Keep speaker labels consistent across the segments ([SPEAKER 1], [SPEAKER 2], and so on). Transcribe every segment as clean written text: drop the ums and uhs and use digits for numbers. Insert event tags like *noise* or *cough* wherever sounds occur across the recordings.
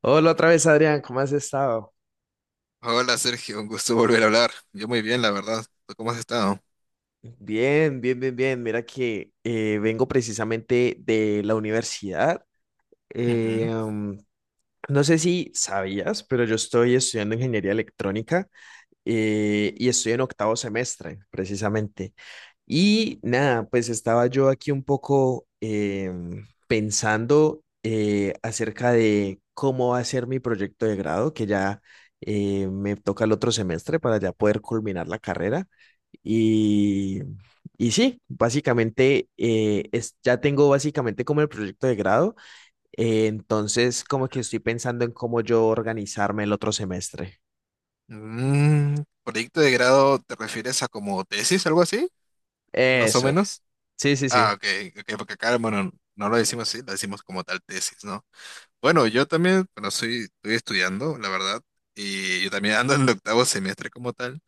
[SPEAKER 1] Hola otra vez, Adrián, ¿cómo has estado?
[SPEAKER 2] Hola Sergio, un gusto volver a hablar. Yo muy bien, la verdad. ¿Tú cómo has estado?
[SPEAKER 1] Bien, bien, bien, bien. Mira que vengo precisamente de la universidad. Eh,
[SPEAKER 2] Ujú.
[SPEAKER 1] um, no sé si sabías, pero yo estoy estudiando ingeniería electrónica y estoy en octavo semestre, precisamente. Y nada, pues estaba yo aquí un poco pensando acerca de cómo va a ser mi proyecto de grado, que ya me toca el otro semestre para ya poder culminar la carrera. Y, y sí, básicamente ya tengo básicamente como el proyecto de grado, entonces como que estoy pensando en cómo yo organizarme el otro semestre.
[SPEAKER 2] Mm, ¿proyecto de grado te refieres a como tesis, algo así? Más o
[SPEAKER 1] Eso,
[SPEAKER 2] menos.
[SPEAKER 1] sí, sí,
[SPEAKER 2] Ah,
[SPEAKER 1] sí.
[SPEAKER 2] ok, ok, porque acá, bueno, no lo decimos así, lo decimos como tal tesis, ¿no? Bueno, yo también, bueno, soy, estoy estudiando, la verdad, y yo también ando en el octavo semestre como tal,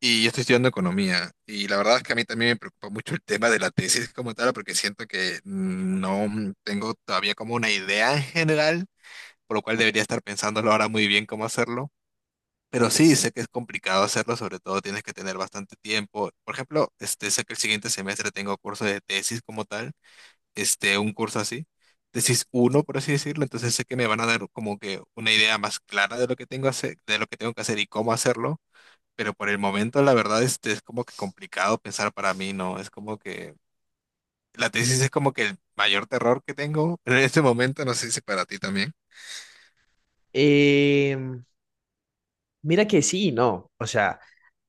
[SPEAKER 2] y yo estoy estudiando economía, y la verdad es que a mí también me preocupa mucho el tema de la tesis como tal, porque siento que no tengo todavía como una idea en general por lo cual debería estar pensándolo ahora muy bien cómo hacerlo. Pero sí, sé que es complicado hacerlo, sobre todo tienes que tener bastante tiempo. Por ejemplo, este, sé que el siguiente semestre tengo curso de tesis como tal, este, un curso así, tesis uno por así decirlo, entonces sé que me van a dar como que una idea más clara de lo que tengo hacer, de lo que tengo que hacer y cómo hacerlo, pero por el momento la verdad este, es como que complicado pensar para mí, ¿no? Es como que la tesis es como que el mayor terror que tengo en este momento, no sé si para ti también.
[SPEAKER 1] Em, Mira que sí, y no. O sea,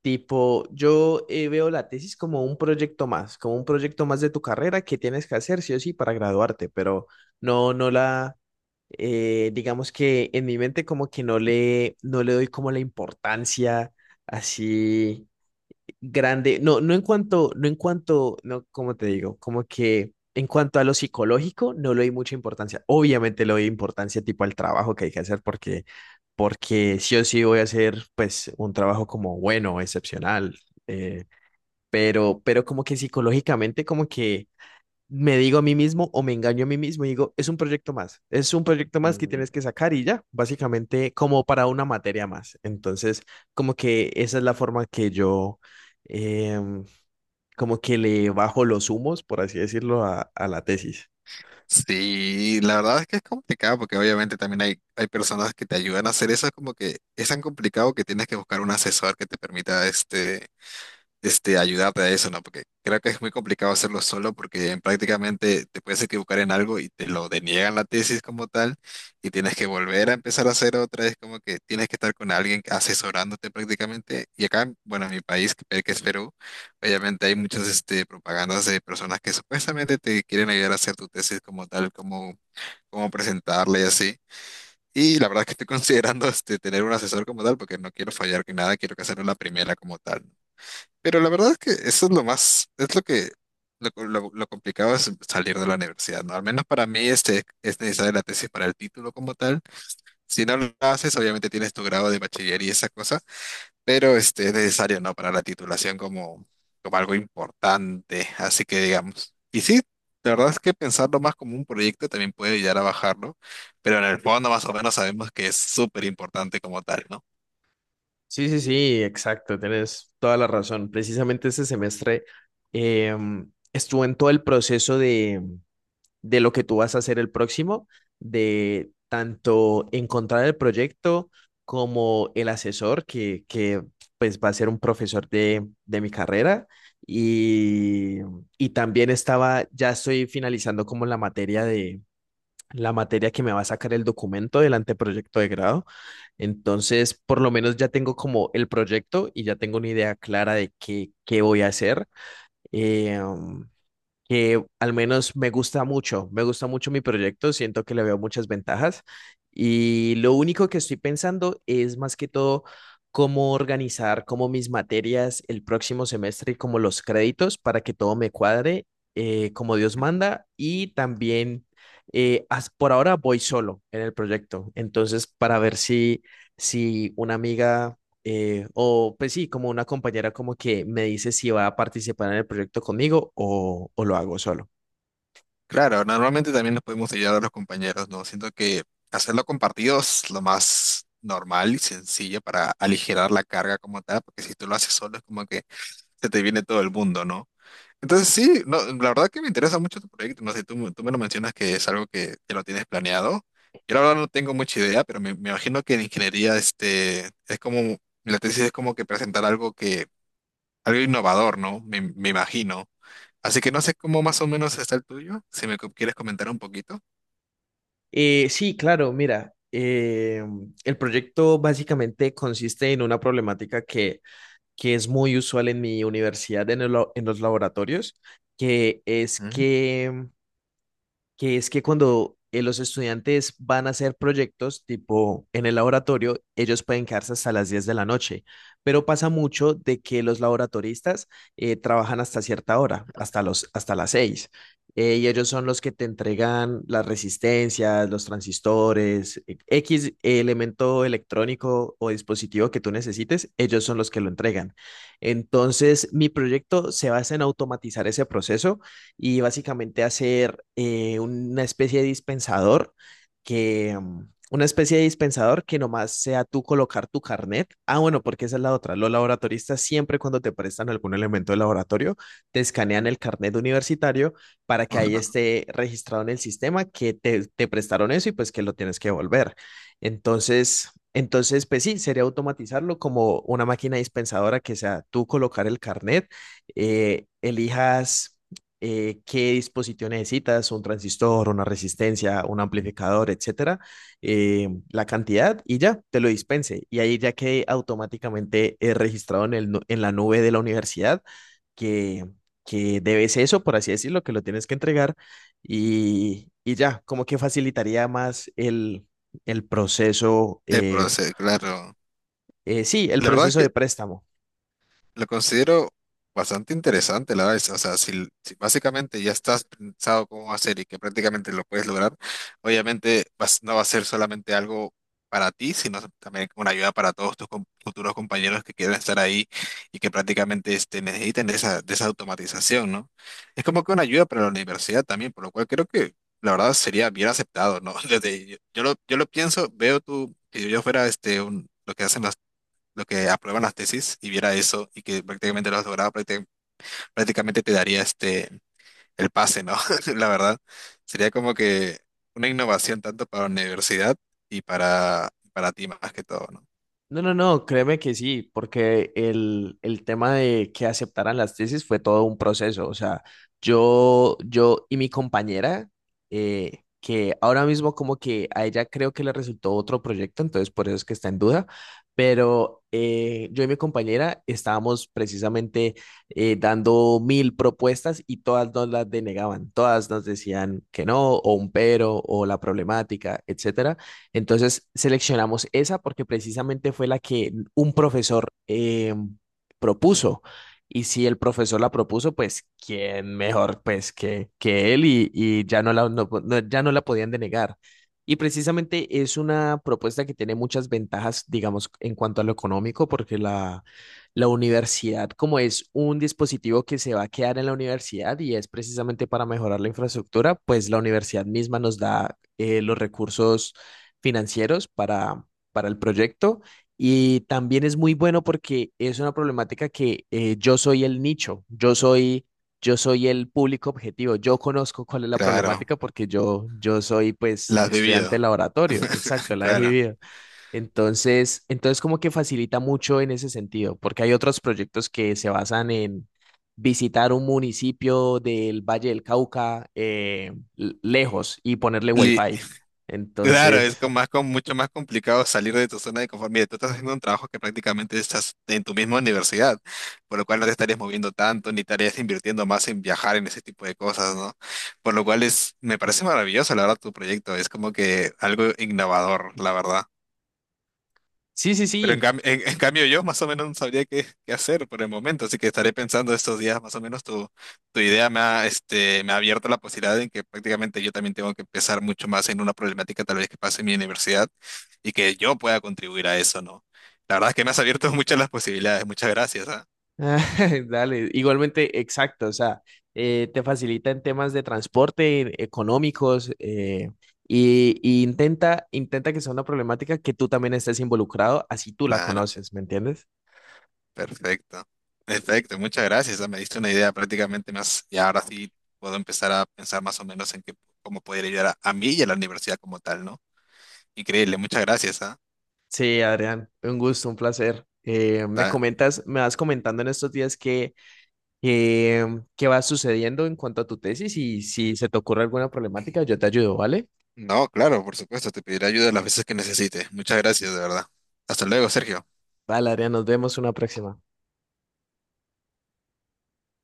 [SPEAKER 1] tipo, yo veo la tesis como un proyecto más, como un proyecto más de tu carrera que tienes que hacer sí o sí para graduarte, pero no, no la, digamos que en mi mente como que no le doy como la importancia así grande, no, no en cuanto, no en cuanto, no, cómo te digo, como que en cuanto a lo psicológico, no le di mucha importancia. Obviamente le doy importancia tipo al trabajo que hay que hacer porque, sí o sí voy a hacer pues un trabajo como bueno, excepcional, eh, pero como que psicológicamente como que me digo a mí mismo o me engaño a mí mismo y digo, es un proyecto más, es un proyecto más que tienes que sacar y ya, básicamente como para una materia más. Entonces, como que esa es la forma que yo, em, como que le bajo los humos, por así decirlo, a la tesis.
[SPEAKER 2] Sí, la verdad es que es complicado porque obviamente también hay personas que te ayudan a hacer eso, es como que es tan complicado que tienes que buscar un asesor que te permita ayudarte a eso, ¿no? Porque creo que es muy complicado hacerlo solo porque en prácticamente te puedes equivocar en algo y te lo deniegan la tesis como tal y tienes que volver a empezar a hacer otra. Es como que tienes que estar con alguien asesorándote prácticamente. Y acá, bueno, en mi país, que es Perú, obviamente hay muchas este, propagandas de personas que supuestamente te quieren ayudar a hacer tu tesis como tal, como presentarla y así. Y la verdad es que estoy *laughs* considerando este, tener un asesor como tal porque no quiero fallar que nada, quiero que hacerlo la primera como tal. Pero la verdad es que eso es lo más, es lo que lo complicado es salir de la universidad, ¿no? Al menos para mí este, es necesaria la tesis para el título como tal. Si no lo haces, obviamente tienes tu grado de bachiller y esa cosa, pero este, es necesario, ¿no? Para la titulación como algo importante, así que digamos. Y sí, la verdad es que pensarlo más como un proyecto también puede ayudar a bajarlo, pero en el fondo más o menos sabemos que es súper importante como tal, ¿no?
[SPEAKER 1] Sí, sí, sí, exacto, tienes toda la razón. Precisamente este semestre estuve en todo el proceso de lo que tú vas a hacer el próximo, de tanto encontrar el proyecto como el asesor que pues va a ser un profesor de mi carrera y, y también estaba, ya estoy finalizando como la materia que me va a sacar el documento del anteproyecto de grado. Entonces, por lo menos ya tengo como el proyecto y ya tengo una idea clara de qué voy a hacer. Eh, um, que al menos me gusta mucho mi proyecto, siento que le veo muchas ventajas y lo único que estoy pensando es más que todo cómo organizar como mis materias el próximo semestre y como los créditos para que todo me cuadre como Dios manda y también por ahora voy solo en el proyecto, entonces para ver si, si una amiga o pues sí, como una compañera como que me dice si va a participar en el proyecto conmigo o lo hago solo.
[SPEAKER 2] Claro, normalmente también nos podemos ayudar a los compañeros, ¿no? Siento que hacerlo compartido es lo más normal y sencillo para aligerar la carga como tal, porque si tú lo haces solo es como que se te viene todo el mundo, ¿no? Entonces sí, no, la verdad que me interesa mucho tu proyecto, no sé, tú me lo mencionas que es algo que lo tienes planeado. Yo la verdad no tengo mucha idea, pero me imagino que en ingeniería este, es como, la tesis es como que presentar algo innovador, ¿no? Me imagino. Así que no sé cómo más o menos está el tuyo, si quieres comentar un poquito.
[SPEAKER 1] Sí, claro, mira, el proyecto básicamente consiste en una problemática que es muy usual en mi universidad, en los laboratorios, que es
[SPEAKER 2] Ujú.
[SPEAKER 1] que que es que cuando los estudiantes van a hacer proyectos tipo en el laboratorio, ellos pueden quedarse hasta las 10 de la noche, pero pasa mucho de que los laboratoristas trabajan hasta cierta hora, hasta las 6 y ellos son los que te entregan las resistencias, los transistores, X elemento electrónico o dispositivo que tú necesites, ellos son los que lo entregan. Entonces, mi proyecto se basa en automatizar ese proceso y básicamente hacer una especie de dispensador que nomás sea tú colocar tu carnet. Ah, bueno, porque esa es la otra. Los laboratoristas siempre cuando te prestan algún elemento de laboratorio, te escanean el carnet universitario para que ahí
[SPEAKER 2] Ajá.
[SPEAKER 1] esté registrado en el sistema que te prestaron eso y pues que lo tienes que devolver. Entonces, pues sí, sería automatizarlo como una máquina dispensadora que sea tú colocar el carnet, elijas qué dispositivo necesitas, un transistor, una resistencia, un amplificador, etcétera, la cantidad y ya te lo dispense. Y ahí ya quede automáticamente registrado en la nube de la universidad que, que debes eso, por así decirlo, que lo tienes que entregar y ya, como que facilitaría más el proceso,
[SPEAKER 2] El proceso, claro.
[SPEAKER 1] sí, el
[SPEAKER 2] La verdad
[SPEAKER 1] proceso de préstamo.
[SPEAKER 2] lo considero bastante interesante, la verdad. O sea, si básicamente ya estás pensado cómo hacer y que prácticamente lo puedes lograr, obviamente no va a ser solamente algo para ti, sino también una ayuda para todos tus futuros compañeros que quieran estar ahí y que prácticamente este, necesiten de de esa automatización, ¿no? Es como que una ayuda para la universidad también, por lo cual creo que la verdad sería bien aceptado, ¿no? *laughs* Desde, yo lo pienso, veo tú, si yo fuera este, un, lo que hacen lo que aprueban las tesis y viera eso y que prácticamente lo has logrado, prácticamente te daría este el pase, ¿no? *laughs* La verdad, sería como que una innovación tanto para la universidad y para ti más que todo, ¿no?
[SPEAKER 1] No, no, no, créeme que sí, porque el tema de que aceptaran las tesis fue todo un proceso. O sea, yo y mi compañera, que ahora mismo como que a ella creo que le resultó otro proyecto, entonces por eso es que está en duda, pero yo y mi compañera estábamos precisamente dando mil propuestas y todas nos las denegaban, todas nos decían que no, o un pero, o la problemática, etcétera. Entonces seleccionamos esa porque precisamente fue la que un profesor propuso. Y si el profesor la propuso, pues quién mejor pues que él y ya no la podían denegar. Y precisamente es una propuesta que tiene muchas ventajas, digamos, en cuanto a lo económico, porque la universidad, como es un dispositivo que se va a quedar en la universidad y es precisamente para mejorar la infraestructura, pues la universidad misma nos da los recursos financieros para el proyecto y también es muy bueno porque es una problemática que yo soy el nicho, yo soy el público objetivo, yo conozco cuál es la
[SPEAKER 2] Claro,
[SPEAKER 1] problemática porque yo soy pues
[SPEAKER 2] la has
[SPEAKER 1] estudiante de
[SPEAKER 2] vivido.
[SPEAKER 1] laboratorio, exacto,
[SPEAKER 2] *laughs*
[SPEAKER 1] la he
[SPEAKER 2] Claro.
[SPEAKER 1] vivido. Entonces, como que facilita mucho en ese sentido, porque hay otros proyectos que se basan en visitar un municipio del Valle del Cauca lejos y ponerle
[SPEAKER 2] Li-
[SPEAKER 1] wifi.
[SPEAKER 2] Claro, es
[SPEAKER 1] Entonces,
[SPEAKER 2] con más, con mucho más complicado salir de tu zona de conformidad. Tú estás haciendo un trabajo que prácticamente estás en tu misma universidad, por lo cual no te estarías moviendo tanto, ni estarías invirtiendo más en viajar en ese tipo de cosas, ¿no? Por lo cual es, me parece maravilloso, la verdad, tu proyecto. Es como que algo innovador, la verdad.
[SPEAKER 1] Sí, sí,
[SPEAKER 2] Pero
[SPEAKER 1] sí. *laughs*
[SPEAKER 2] en cambio yo más o menos no sabría qué hacer por el momento, así que estaré pensando estos días más o menos tu, tu idea me ha, este, me ha abierto la posibilidad en que prácticamente yo también tengo que pensar mucho más en una problemática tal vez que pase en mi universidad y que yo pueda contribuir a eso, ¿no? La verdad es que me has abierto *laughs* muchas las posibilidades, muchas gracias, ¿ah?
[SPEAKER 1] Dale, igualmente, exacto. O sea, te facilita en temas de transporte, económicos, y intenta que sea una problemática que tú también estés involucrado, así tú la
[SPEAKER 2] Claro,
[SPEAKER 1] conoces, ¿me entiendes?
[SPEAKER 2] perfecto. Perfecto, muchas gracias, ah, me diste una idea prácticamente más y ahora sí puedo empezar a pensar más o menos en qué, cómo poder ayudar a mí y a la universidad como tal, ¿no? Increíble, muchas gracias, ¿ah?
[SPEAKER 1] Sí, Adrián, un gusto, un placer.
[SPEAKER 2] Da-
[SPEAKER 1] Me vas comentando en estos días que, eh, qué va sucediendo en cuanto a tu tesis y si se te ocurre alguna problemática, yo te ayudo, ¿vale?
[SPEAKER 2] No, claro, por supuesto, te pediré ayuda las veces que necesites. Muchas gracias, de verdad. Hasta luego, Sergio.
[SPEAKER 1] Vale, Adrián, nos vemos una próxima.